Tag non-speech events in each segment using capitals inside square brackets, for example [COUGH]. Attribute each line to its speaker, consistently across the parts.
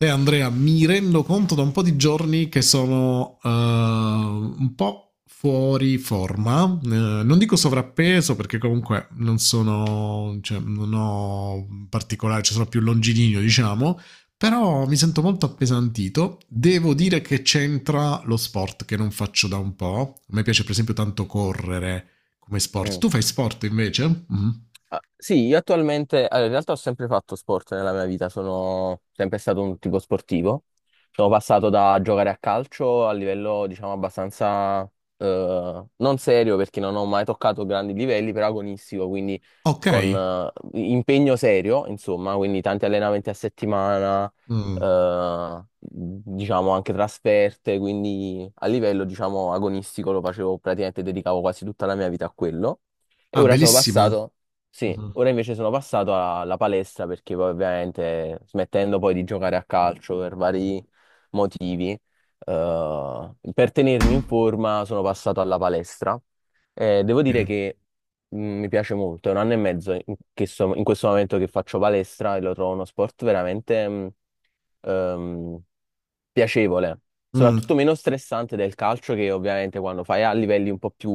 Speaker 1: Sai Andrea, mi rendo conto da un po' di giorni che sono un po' fuori forma. Non dico sovrappeso perché comunque non sono, cioè, non ho particolare, cioè sono più longilineo diciamo, però mi sento molto appesantito. Devo dire che c'entra lo sport che non faccio da un po'. A me piace per esempio tanto correre come sport.
Speaker 2: Mm.
Speaker 1: Tu fai sport invece? Mhm.
Speaker 2: Ah, sì, io attualmente, allora, in realtà ho sempre fatto sport nella mia vita, sono sempre stato un tipo sportivo. Sono passato da giocare a calcio a livello, diciamo, abbastanza non serio perché non ho mai toccato grandi livelli, però agonistico, quindi
Speaker 1: Ok.
Speaker 2: con impegno serio, insomma, quindi tanti allenamenti a settimana,
Speaker 1: Mm.
Speaker 2: diciamo anche trasferte, quindi a livello, diciamo, agonistico lo facevo praticamente, dedicavo quasi tutta la mia vita a quello. E
Speaker 1: Ah,
Speaker 2: ora sono
Speaker 1: bellissimo.
Speaker 2: passato Sì,
Speaker 1: Mhm.
Speaker 2: ora invece sono passato alla palestra perché poi ovviamente smettendo poi di giocare a calcio per vari motivi, per tenermi in forma sono passato alla palestra. Devo
Speaker 1: Ok.
Speaker 2: dire che mi piace molto, è un anno e mezzo in questo momento che faccio palestra e lo trovo uno sport veramente ehm, piacevole, soprattutto
Speaker 1: Mm.
Speaker 2: meno stressante del calcio che ovviamente quando fai a livelli un po' più,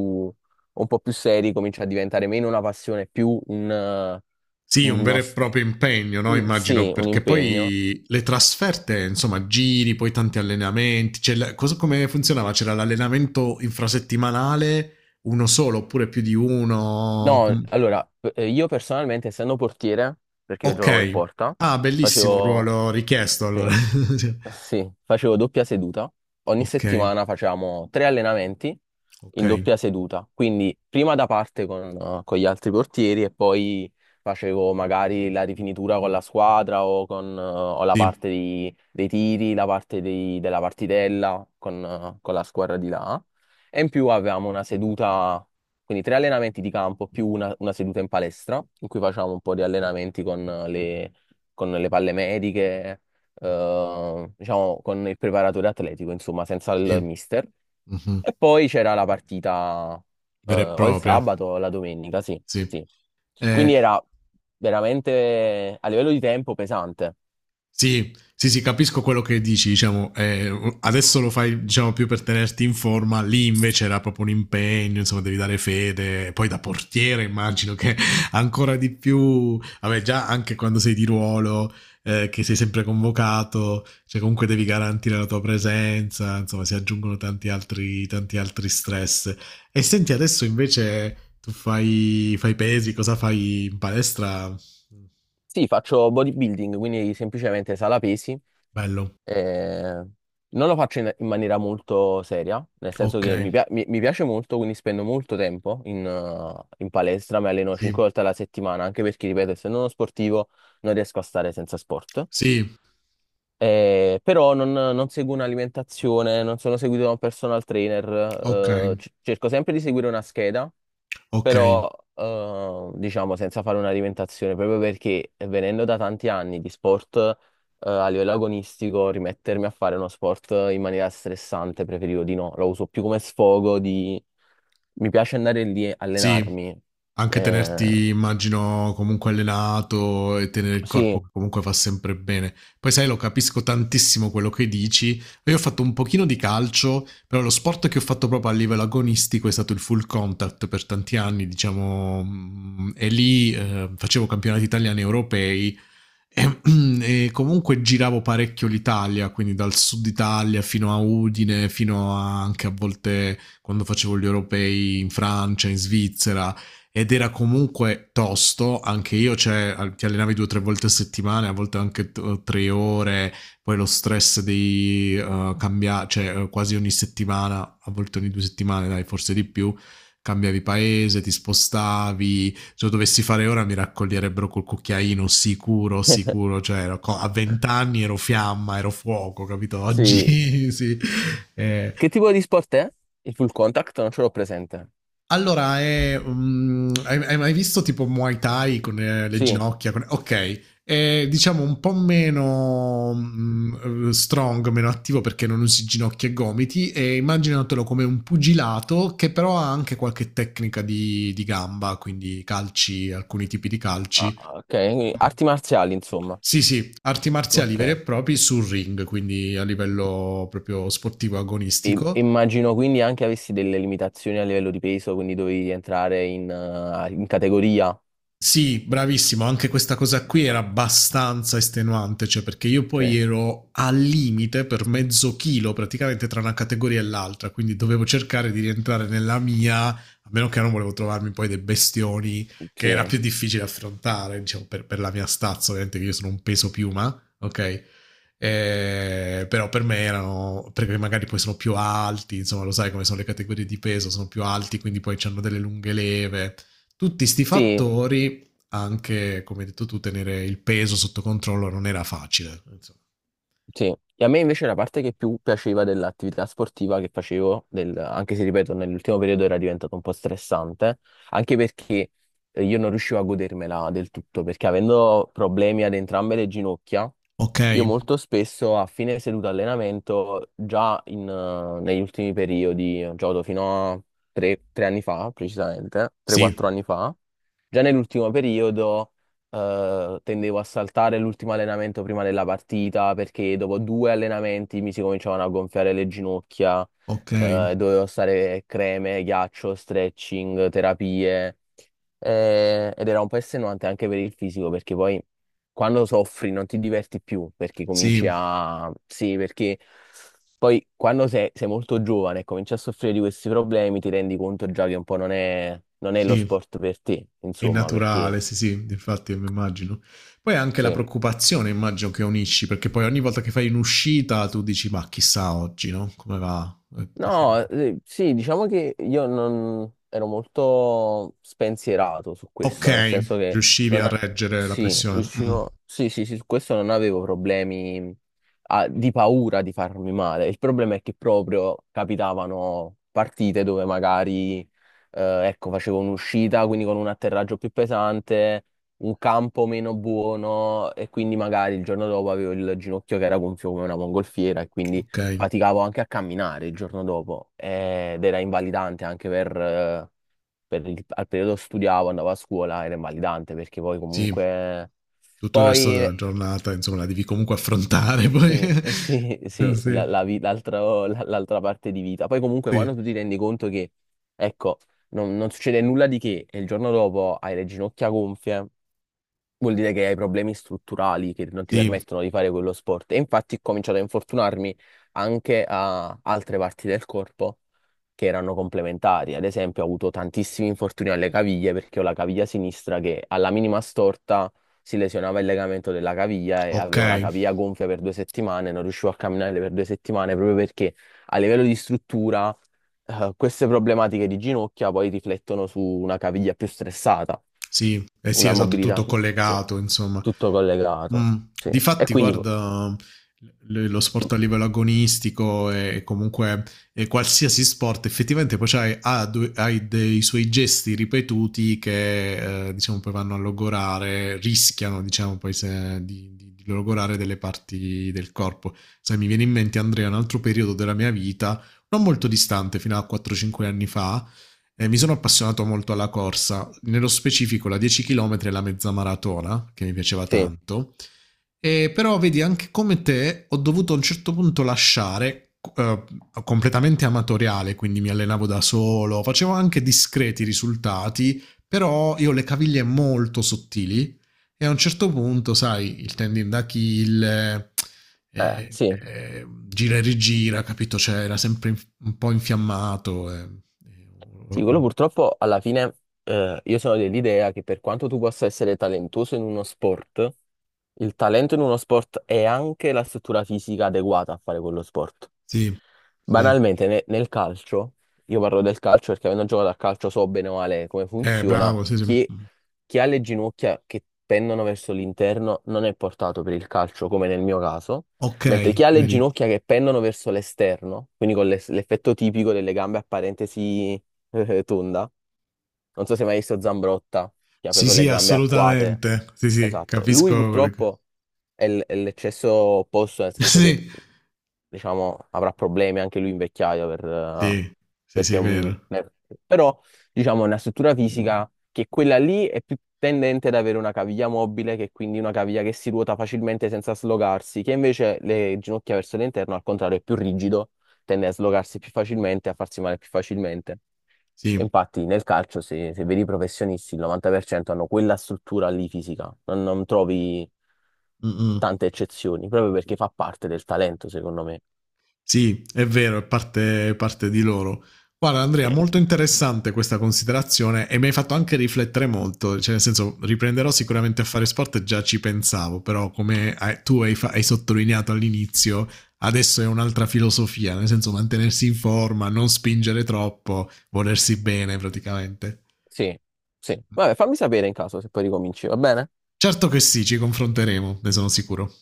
Speaker 2: un po' più seri comincia a diventare meno una passione, più un,
Speaker 1: Sì, un
Speaker 2: uno
Speaker 1: vero e
Speaker 2: s-
Speaker 1: proprio impegno, no?
Speaker 2: un-
Speaker 1: Immagino,
Speaker 2: sì, un
Speaker 1: perché
Speaker 2: impegno.
Speaker 1: poi le trasferte, insomma, giri, poi tanti allenamenti. Cioè, cosa, come funzionava? C'era l'allenamento infrasettimanale, uno solo oppure più di uno?
Speaker 2: No, allora, io personalmente essendo portiere, perché io giocavo in
Speaker 1: Ok.
Speaker 2: porta,
Speaker 1: Ah, bellissimo
Speaker 2: facevo,
Speaker 1: ruolo richiesto
Speaker 2: sì.
Speaker 1: allora. [LAUGHS] Cioè,
Speaker 2: Sì, facevo doppia seduta. Ogni
Speaker 1: ok,
Speaker 2: settimana facevamo 3 allenamenti
Speaker 1: ok.
Speaker 2: in doppia seduta. Quindi prima da parte con gli altri portieri e poi facevo magari la rifinitura con la squadra o con o la
Speaker 1: Sì,
Speaker 2: parte dei tiri, la parte della partitella con la squadra di là. E in più avevamo una seduta, quindi 3 allenamenti di campo più una seduta in palestra in cui facevamo un po' di allenamenti con le palle mediche diciamo, con il preparatore atletico, insomma, senza il
Speaker 1: sì.
Speaker 2: mister.
Speaker 1: Mhm.
Speaker 2: E poi c'era la partita,
Speaker 1: Vera e
Speaker 2: o il
Speaker 1: propria.
Speaker 2: sabato o la domenica, sì,
Speaker 1: Sì.
Speaker 2: sì.
Speaker 1: Eh,
Speaker 2: Quindi era veramente a livello di tempo pesante.
Speaker 1: Sì, sì, sì, capisco quello che dici, diciamo, adesso lo fai, diciamo, più per tenerti in forma. Lì invece era proprio un impegno, insomma, devi dare fede. Poi da portiere immagino che [LAUGHS] ancora di più, vabbè, già anche quando sei di ruolo, che sei sempre convocato, cioè comunque devi garantire la tua presenza, insomma, si aggiungono tanti altri stress. E senti, adesso invece tu fai pesi. Cosa fai in palestra?
Speaker 2: Sì, faccio bodybuilding, quindi semplicemente sala pesi.
Speaker 1: Bello,
Speaker 2: Eh, Non lo faccio in maniera molto seria, nel senso
Speaker 1: ok.
Speaker 2: che mi piace molto, quindi spendo molto tempo in palestra, mi alleno
Speaker 1: Sì,
Speaker 2: 5 volte alla settimana, anche perché, ripeto, essendo uno sportivo non riesco a stare senza sport.
Speaker 1: sì,
Speaker 2: Però non seguo un'alimentazione, non sono seguito da un personal trainer,
Speaker 1: okay,
Speaker 2: cerco sempre di seguire una scheda
Speaker 1: okay,
Speaker 2: però diciamo senza fare una diventazione, proprio perché venendo da tanti anni di sport a livello agonistico, rimettermi a fare uno sport in maniera stressante preferivo di no, lo uso più come sfogo di... Mi piace andare lì e
Speaker 1: sì.
Speaker 2: allenarmi.
Speaker 1: Anche
Speaker 2: Eh,
Speaker 1: tenerti immagino comunque allenato e tenere il corpo
Speaker 2: sì,
Speaker 1: che comunque fa sempre bene. Poi sai lo capisco tantissimo quello che dici. Io ho fatto un pochino di calcio, però lo sport che ho fatto proprio a livello agonistico è stato il full contact per tanti anni, diciamo, e lì, facevo campionati italiani, e europei. E, [CLEARS THROAT] e comunque giravo parecchio l'Italia, quindi dal sud Italia fino a Udine, anche a volte quando facevo gli europei in Francia, in Svizzera, ed era comunque tosto, anche io, cioè ti allenavi due o tre volte a settimana, a volte anche 3 ore. Poi lo stress di cambiare, cioè quasi ogni settimana, a volte ogni 2 settimane, dai, forse di più, cambiavi paese, ti spostavi. Se lo dovessi fare ora mi raccoglierebbero col cucchiaino, sicuro, sicuro. Cioè ero, a 20 anni ero fiamma, ero fuoco, capito?
Speaker 2: sì.
Speaker 1: Oggi [LAUGHS] sì. Eh,
Speaker 2: Che tipo di sport è? Il full contact? Non ce l'ho presente.
Speaker 1: allora, hai mai visto tipo Muay Thai con le
Speaker 2: Sì,
Speaker 1: ginocchia? Con, ok, è, diciamo un po' meno strong, meno attivo perché non usi ginocchia e gomiti e immaginatelo come un pugilato che però ha anche qualche tecnica di gamba, quindi calci, alcuni tipi di
Speaker 2: ah,
Speaker 1: calci.
Speaker 2: ah, ok, quindi arti marziali, insomma.
Speaker 1: Sì, sì, arti marziali veri e
Speaker 2: Ok.
Speaker 1: propri sul ring, quindi a livello proprio sportivo agonistico.
Speaker 2: Immagino quindi anche avessi delle limitazioni a livello di peso, quindi dovevi entrare in categoria.
Speaker 1: Sì, bravissimo, anche questa cosa qui era abbastanza estenuante, cioè perché io
Speaker 2: Sì,
Speaker 1: poi ero al limite per mezzo chilo praticamente tra una categoria e l'altra, quindi dovevo cercare di rientrare nella mia, a meno che non volevo trovarmi poi dei bestioni che era
Speaker 2: sì.
Speaker 1: più difficile affrontare, diciamo, per la mia stazza, ovviamente che io sono un peso piuma, ok? Però per me erano perché magari poi sono più alti, insomma, lo sai come sono le categorie di peso, sono più alti, quindi poi hanno delle lunghe leve. Tutti sti
Speaker 2: Sì,
Speaker 1: fattori anche, come hai detto tu, tenere il peso sotto controllo non era facile, insomma.
Speaker 2: sì, e a me invece la parte che più piaceva dell'attività sportiva che facevo, anche se ripeto, nell'ultimo periodo era diventato un po' stressante, anche perché io non riuscivo a godermela del tutto, perché avendo problemi ad entrambe le ginocchia,
Speaker 1: Ok,
Speaker 2: io molto spesso a fine seduta allenamento, già negli ultimi periodi, gioco fino a tre anni fa, precisamente, 3-4
Speaker 1: sì,
Speaker 2: anni fa, già nell'ultimo periodo tendevo a saltare l'ultimo allenamento prima della partita perché dopo 2 allenamenti mi si cominciavano a gonfiare le ginocchia,
Speaker 1: ok,
Speaker 2: dovevo stare creme, ghiaccio, stretching, terapie, ed era un po' estenuante anche per il fisico perché poi quando soffri non ti diverti più perché cominci
Speaker 1: sì,
Speaker 2: a... Sì, perché poi quando sei molto giovane e cominci a soffrire di questi problemi ti rendi conto già che un po' non è lo
Speaker 1: sì,
Speaker 2: sport per te,
Speaker 1: è
Speaker 2: insomma, perché...
Speaker 1: naturale, sì, sì, infatti mi immagino. Poi anche la
Speaker 2: Sì.
Speaker 1: preoccupazione immagino che unisci, perché poi ogni volta che fai un'uscita tu dici ma chissà oggi, no? Come va?
Speaker 2: No, sì, diciamo che io non ero molto spensierato su
Speaker 1: Ok,
Speaker 2: questo, nel senso che
Speaker 1: riuscivi
Speaker 2: non,
Speaker 1: a reggere la
Speaker 2: sì,
Speaker 1: pressione. Mm,
Speaker 2: riuscivo, sì, sì, sì, su questo non avevo problemi ah, di paura di farmi male. Il problema è che proprio capitavano partite dove magari, ecco, facevo un'uscita, quindi con un atterraggio più pesante, un campo meno buono e quindi magari il giorno dopo avevo il ginocchio che era gonfio come una mongolfiera e quindi
Speaker 1: ok,
Speaker 2: faticavo anche a camminare il giorno dopo ed era invalidante anche per al periodo studiavo, andavo a scuola, era invalidante perché poi
Speaker 1: sì,
Speaker 2: comunque
Speaker 1: tutto il resto
Speaker 2: poi
Speaker 1: della giornata, insomma, la devi comunque affrontare poi.
Speaker 2: sì, [LAUGHS] sì,
Speaker 1: [LAUGHS]
Speaker 2: sì, la-
Speaker 1: Sì,
Speaker 2: la vi- l'altro- la- l'altra parte di vita. Poi comunque quando
Speaker 1: sì,
Speaker 2: tu ti rendi conto che ecco, non succede nulla di che e il giorno dopo hai le ginocchia gonfie, vuol dire che hai problemi strutturali che non ti
Speaker 1: sì.
Speaker 2: permettono di fare quello sport. E infatti ho cominciato a infortunarmi anche a altre parti del corpo che erano complementari. Ad esempio, ho avuto tantissimi infortuni alle caviglie perché ho la caviglia sinistra che alla minima storta si lesionava il legamento della caviglia e
Speaker 1: Ok,
Speaker 2: avevo la caviglia gonfia per 2 settimane, non riuscivo a camminare per 2 settimane proprio perché a livello di struttura, queste problematiche di ginocchia poi riflettono su una caviglia più stressata,
Speaker 1: sì, eh sì,
Speaker 2: una
Speaker 1: esatto,
Speaker 2: mobilità,
Speaker 1: tutto
Speaker 2: sì,
Speaker 1: collegato, insomma.
Speaker 2: tutto collegato,
Speaker 1: Mm.
Speaker 2: sì. E
Speaker 1: Difatti,
Speaker 2: quindi,
Speaker 1: guarda, lo sport a livello agonistico e comunque e qualsiasi sport, effettivamente poi c'hai, hai dei suoi gesti ripetuti che, diciamo, poi vanno a logorare, rischiano, diciamo, poi di logorare delle parti del corpo. Sai, mi viene in mente, Andrea, un altro periodo della mia vita, non molto distante, fino a 4-5 anni fa. Mi sono appassionato molto alla corsa, nello specifico la 10 km e la mezza maratona, che mi piaceva
Speaker 2: sì,
Speaker 1: tanto. E però vedi, anche come te, ho dovuto a un certo punto lasciare, completamente amatoriale, quindi mi allenavo da solo, facevo anche discreti risultati, però io ho le caviglie molto sottili. E a un certo punto, sai, il tendine d'Achille,
Speaker 2: sì.
Speaker 1: gira e rigira, capito? Cioè, era sempre un po' infiammato. Eh, o-
Speaker 2: Sì, quello
Speaker 1: o-
Speaker 2: purtroppo alla fine io sono dell'idea che per quanto tu possa essere talentuoso in uno sport, il talento in uno sport è anche la struttura fisica adeguata a fare quello sport.
Speaker 1: sì, sì.
Speaker 2: Banalmente, nel calcio, io parlo del calcio perché avendo giocato a calcio so bene o male come funziona,
Speaker 1: Bravo, sì, sì.
Speaker 2: chi, chi ha le ginocchia che pendono verso l'interno non è portato per il calcio, come nel mio caso,
Speaker 1: Ok,
Speaker 2: mentre chi ha le
Speaker 1: vedi.
Speaker 2: ginocchia che pendono verso l'esterno, quindi con l'effetto tipico delle gambe a parentesi [LAUGHS] Tunda. Non so se hai mai visto Zambrotta, che ha
Speaker 1: Sì,
Speaker 2: proprio le
Speaker 1: sì,
Speaker 2: gambe arcuate.
Speaker 1: assolutamente. Sì, sì,
Speaker 2: Esatto. Lui
Speaker 1: capisco.
Speaker 2: purtroppo è l'eccesso opposto, nel
Speaker 1: [LAUGHS]
Speaker 2: senso che,
Speaker 1: Sì,
Speaker 2: diciamo, avrà problemi anche lui in vecchiaia
Speaker 1: sì, sì,
Speaker 2: perché
Speaker 1: sì,
Speaker 2: è un...
Speaker 1: vero.
Speaker 2: Però, diciamo, è una struttura fisica che quella lì è più tendente ad avere una caviglia mobile, che è quindi una caviglia che si ruota facilmente senza slogarsi, che invece le ginocchia verso l'interno, al contrario, è più rigido, tende a slogarsi più facilmente, a farsi male più facilmente. E
Speaker 1: Sì.
Speaker 2: infatti nel calcio se, se vedi i professionisti il 90% hanno quella struttura lì fisica, non trovi
Speaker 1: Mm-mm.
Speaker 2: tante eccezioni, proprio perché fa parte del talento secondo me.
Speaker 1: Sì, è vero, è parte di loro. Guarda Andrea,
Speaker 2: Cioè,
Speaker 1: molto interessante questa considerazione e mi hai fatto anche riflettere molto, cioè nel senso riprenderò sicuramente a fare sport, già ci pensavo, però come hai sottolineato all'inizio, adesso è un'altra filosofia, nel senso mantenersi in forma, non spingere troppo, volersi bene praticamente.
Speaker 2: sì, sì. Vabbè, fammi sapere in caso se poi ricominci, va bene?
Speaker 1: Certo che sì, ci confronteremo, ne sono sicuro.